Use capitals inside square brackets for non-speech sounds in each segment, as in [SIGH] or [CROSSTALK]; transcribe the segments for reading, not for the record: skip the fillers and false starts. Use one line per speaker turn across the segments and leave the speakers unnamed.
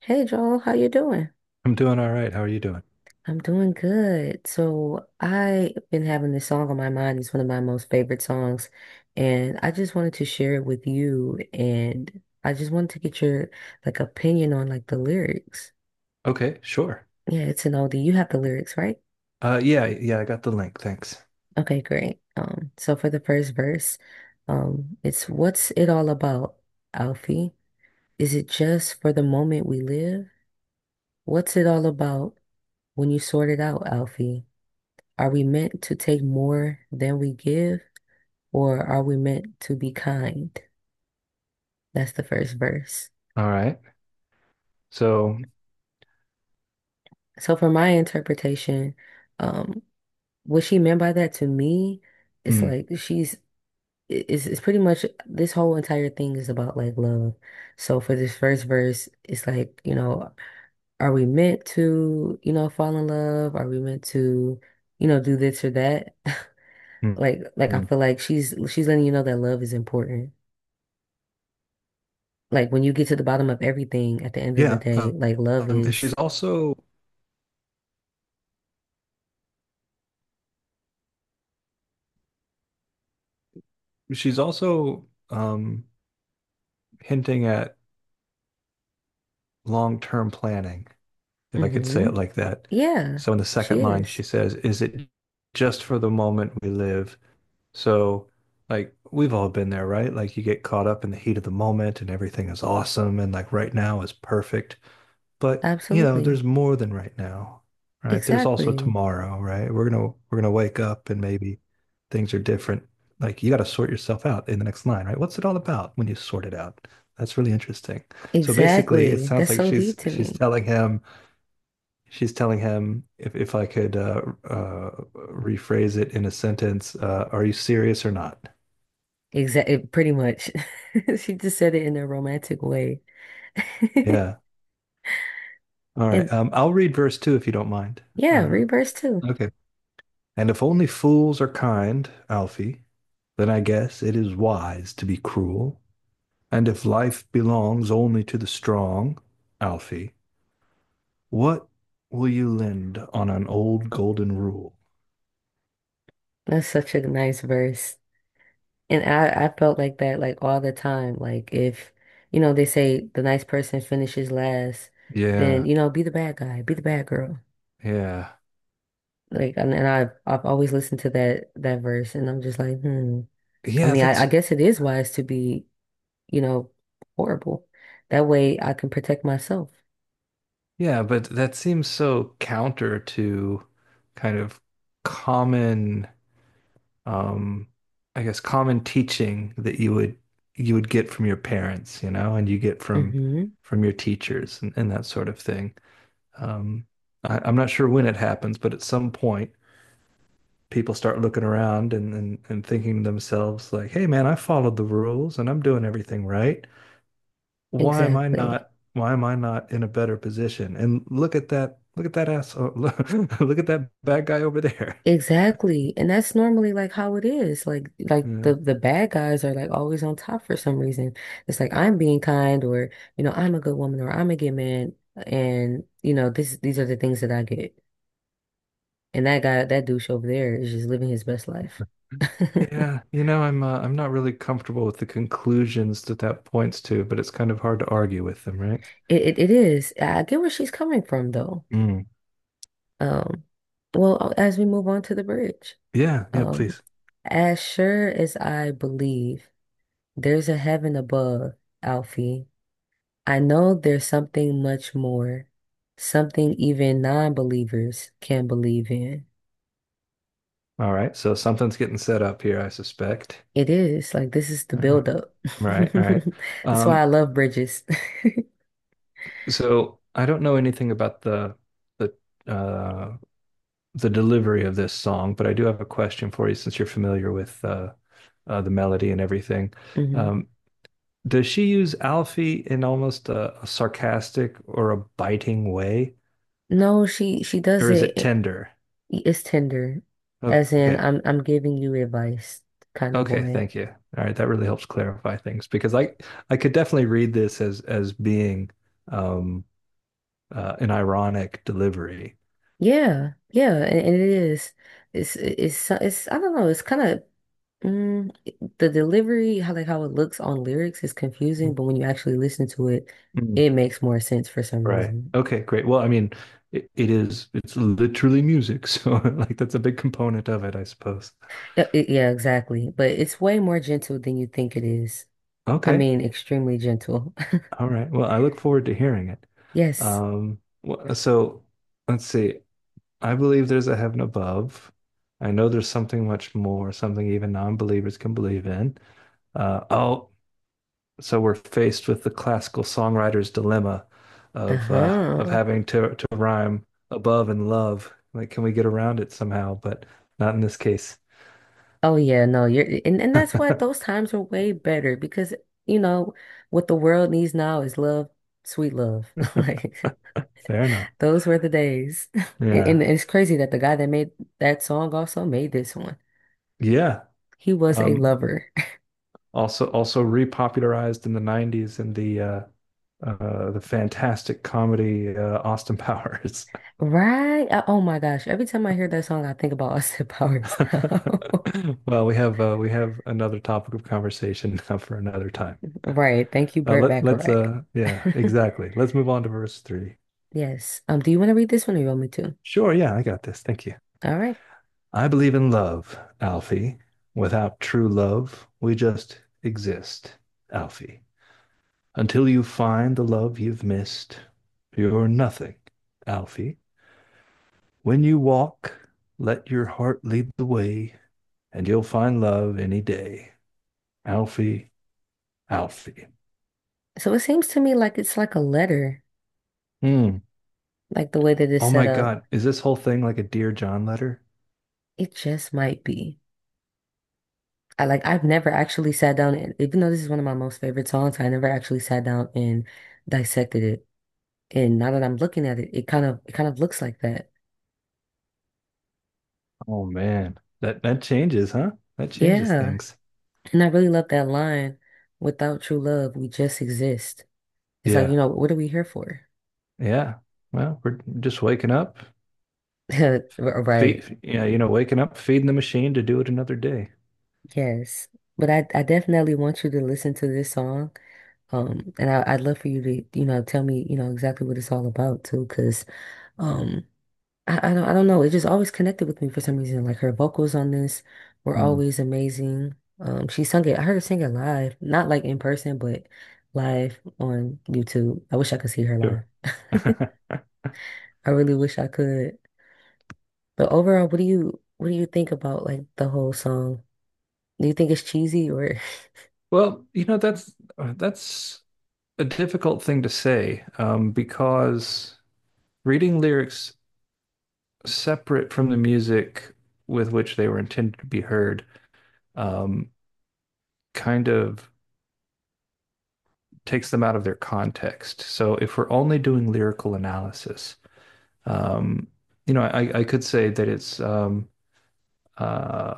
Hey Joel, how you doing?
I'm doing all right. How are you doing?
I'm doing good. So I've been having this song on my mind. It's one of my most favorite songs, and I just wanted to share it with you. And I just wanted to get your like opinion on like the lyrics.
Okay, sure.
Yeah, it's an oldie. You have the lyrics, right?
Yeah, I got the link. Thanks.
Okay, great. So for the first verse, it's what's it all about, Alfie? Is it just for the moment we live? What's it all about when you sort it out, Alfie? Are we meant to take more than we give, or are we meant to be kind? That's the first verse.
All right. So,
So, for my interpretation, um, what she meant by that to me, it's
hmm,
like it's pretty much this whole entire thing is about like love. So, for this first verse, it's like, you know, are we meant to, you know, fall in love? Are we meant to, you know, do this or that? [LAUGHS]
hmm,
Like I
hmm,
feel like she's letting you know that love is important. Like when you get to the bottom of everything at the end of the
yeah.
day, like love
She's
is,
also she's also hinting at long-term planning, if I could say
hmm.
it like that.
Yeah,
So in the
she
second line, she
is.
says, "Is it just for the moment we live?" So, like, we've all been there, right? Like, you get caught up in the heat of the moment and everything is awesome and like right now is perfect. But, you know,
Absolutely.
there's more than right now, right? There's also
Exactly.
tomorrow, right? We're gonna wake up and maybe things are different. Like, you got to sort yourself out in the next line, right? What's it all about when you sort it out? That's really interesting. So basically, it
Exactly.
sounds
That's
like
so deep to me.
She's telling him, if I could rephrase it in a sentence, are you serious or not?
Exactly. Pretty much. [LAUGHS] She just said it in a romantic way. [LAUGHS]
Yeah. All
And
right. I'll read verse two if you don't mind.
yeah,
Uh,
reverse too.
okay. And if only fools are kind, Alfie, then I guess it is wise to be cruel. And if life belongs only to the strong, Alfie, what will you lend on an old golden rule?
That's such a nice verse. And I felt like that like all the time. Like if, you know, they say the nice person finishes last, then,
Yeah,
you know, be the bad guy, be the bad girl.
yeah.
Like, and I've always listened to that verse, and I'm just like, hmm. I
Yeah,
mean, I, I
that's—
guess it is wise to be, you know, horrible. That way, I can protect myself.
yeah, but that seems so counter to kind of common, um, I guess common teaching that you would get from your parents, you know, and you get
Hmm.
from your teachers and that sort of thing. Um, I'm not sure when it happens, but at some point people start looking around and, and thinking to themselves like, "Hey, man, I followed the rules and I'm doing everything right. why am I
Exactly.
not why am I not in a better position? And look at that asshole [LAUGHS] look at that bad guy over there." [LAUGHS]
Exactly. And that's normally like how it is. Like
Yeah.
the bad guys are like always on top for some reason. It's like I'm being kind or, you know, I'm a good woman or I'm a good man and, you know, this these are the things that I get. And that guy, that douche over there is just living his best life.
Yeah,
[LAUGHS]
you know, I'm not really comfortable with the conclusions that that points to, but it's kind of hard to argue with them, right?
It is. I get where she's coming from though.
Mm.
Um, well, as we move on to the bridge,
Yeah, yeah,
um,
please.
as sure as I believe there's a heaven above, Alfie, I know there's something much more, something even non-believers can believe in.
All right, so something's getting set up here, I suspect.
It is like this is the
All right,
buildup.
right, all right.
[LAUGHS] That's why
Um,
I love bridges.
so I don't know anything about the the uh, the delivery of this song, but I do have a question for you since you're familiar with the melody and everything.
[LAUGHS] hmm.
Um, does she use Alfie in almost a sarcastic or a biting way,
No, she
or
does
is it
it.
tender?
It's tender, as in
Okay,
I'm giving you advice kind of
okay,
way.
thank you. All right, that really helps clarify things because I could definitely read this as being um, an ironic delivery.
Yeah, yeah, and it is. It's I don't know. It's kind of mm, the delivery, how like how it looks on lyrics is confusing, but when you actually listen to it,
Mm-hmm.
it makes more sense for some
Right.
reason.
Okay, great. Well, I mean, it is, it's literally music. So, [LAUGHS] like, that's a big component of it, I suppose.
Yeah, exactly. But it's way more gentle than you think it is. I
Okay.
mean, extremely gentle. [LAUGHS]
All right. Well, I look forward to hearing it.
Yes.
Um, so let's see. I believe there's a heaven above. I know there's something much more, something even non-believers can believe in. Uh, oh, so we're faced with the classical songwriter's dilemma of
Uh-huh.
having to rhyme above and love. Like, can we get around it somehow? But not in this case.
Oh yeah, no, you're and that's why
[LAUGHS]
those times are way better because you know what the world needs now is love, sweet love. [LAUGHS] Like
Fair enough.
those were the days. [LAUGHS] And
Yeah.
it's crazy that the guy that made that song also made this one.
Yeah.
He was a
Um,
lover. [LAUGHS]
also repopularized in the 90s in the fantastic comedy Austin Powers.
Right? Oh my gosh. Every time I hear that song, I think about [LAUGHS] Austin Powers now. [LAUGHS]
[LAUGHS] Well, we have another topic of conversation now for another time.
Right. Thank you,
Uh,
Burt
let let's
Bacharach.
uh yeah,
[LAUGHS]
exactly, let's move on to verse 3.
Yes. Do you want to read this one or you want me to?
Sure, yeah, I got this. Thank you.
All right.
I believe in love, Alfie. Without true love, we just exist, Alfie. Until you find the love you've missed, you're nothing, Alfie. When you walk, let your heart lead the way, and you'll find love any day. Alfie, Alfie.
So it seems to me like it's like a letter,
Hmm.
like the way that it's
Oh
set
my
up.
God. Is this whole thing like a Dear John letter?
It just might be. I like I've never actually sat down and even though this is one of my most favorite songs, I never actually sat down and dissected it. And now that I'm looking at it, it kind of looks like that.
Oh man. That— that changes, huh? That changes
Yeah.
things.
And I really love that line, without true love, we just exist. It's like, you
Yeah.
know, what are we here for?
Yeah. Well, we're just waking up.
[LAUGHS] Right.
Feed— yeah, you know, waking up, feeding the machine to do it another day.
Yes. But I definitely want you to listen to this song. And I'd love for you to, you know, tell me, you know, exactly what it's all about too, because um. I don't know. It just always connected with me for some reason. Like her vocals on this were
Hmm.
always amazing. She sung it. I heard her sing it live, not like in person, but live on YouTube. I wish I could see her
Sure.
live. [LAUGHS]
[LAUGHS]
I really wish I could. But overall, what do you think about like the whole song? Do you think it's cheesy or?
Well, you know, that's a difficult thing to say because reading lyrics separate from the music with which they were intended to be heard um, kind of takes them out of their context. So if we're only doing lyrical analysis, um, you know, I could say that it's uh,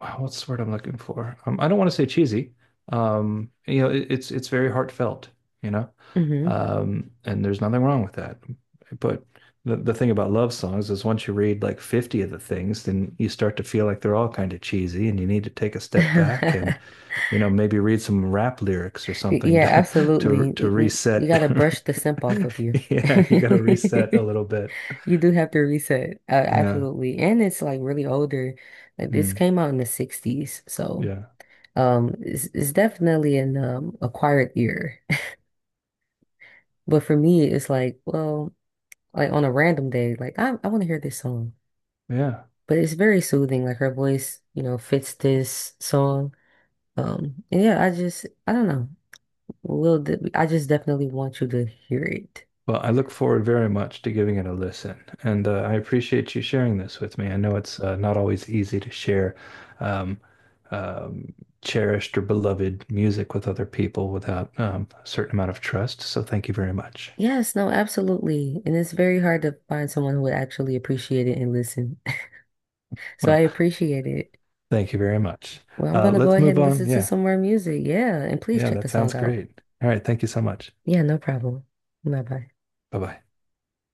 what's the word I'm looking for? I don't want to say cheesy. You know, it's very heartfelt, you know,
[LAUGHS] hmm.
and there's nothing wrong with that. But the thing about love songs is once you read like 50 of the things, then you start to feel like they're all kind of cheesy, and you need to take a step back and,
[LAUGHS]
you know, maybe read some rap lyrics or something [LAUGHS]
Yeah,
to to
absolutely.
to
You
reset.
gotta brush the simp
[LAUGHS]
off of you.
Yeah, you got to reset a
[LAUGHS]
little bit.
You do have to reset.
Yeah.
Absolutely. And it's like really older. Like this
Mm,
came out in the 60s. So
yeah.
it's definitely an acquired ear. [LAUGHS] But for me, it's like, well, like on a random day, like I want to hear this song.
Yeah.
But it's very soothing. Like her voice, you know, fits this song. And yeah, I don't know. I just definitely want you to hear it.
Well, I look forward very much to giving it a listen, and I appreciate you sharing this with me. I know it's not always easy to share um, um, cherished or beloved music with other people without a certain amount of trust. So thank you very much.
Yes, no, absolutely. And it's very hard to find someone who would actually appreciate it and listen. So I
Well,
appreciate it.
thank you very much.
Well, I'm gonna go
Let's
ahead
move
and
on.
listen to
Yeah,
some more music. Yeah, and please
yeah,
check the
that
song
sounds
out.
great. All right, thank you so much.
Yeah, no problem. Bye bye.
Bye bye.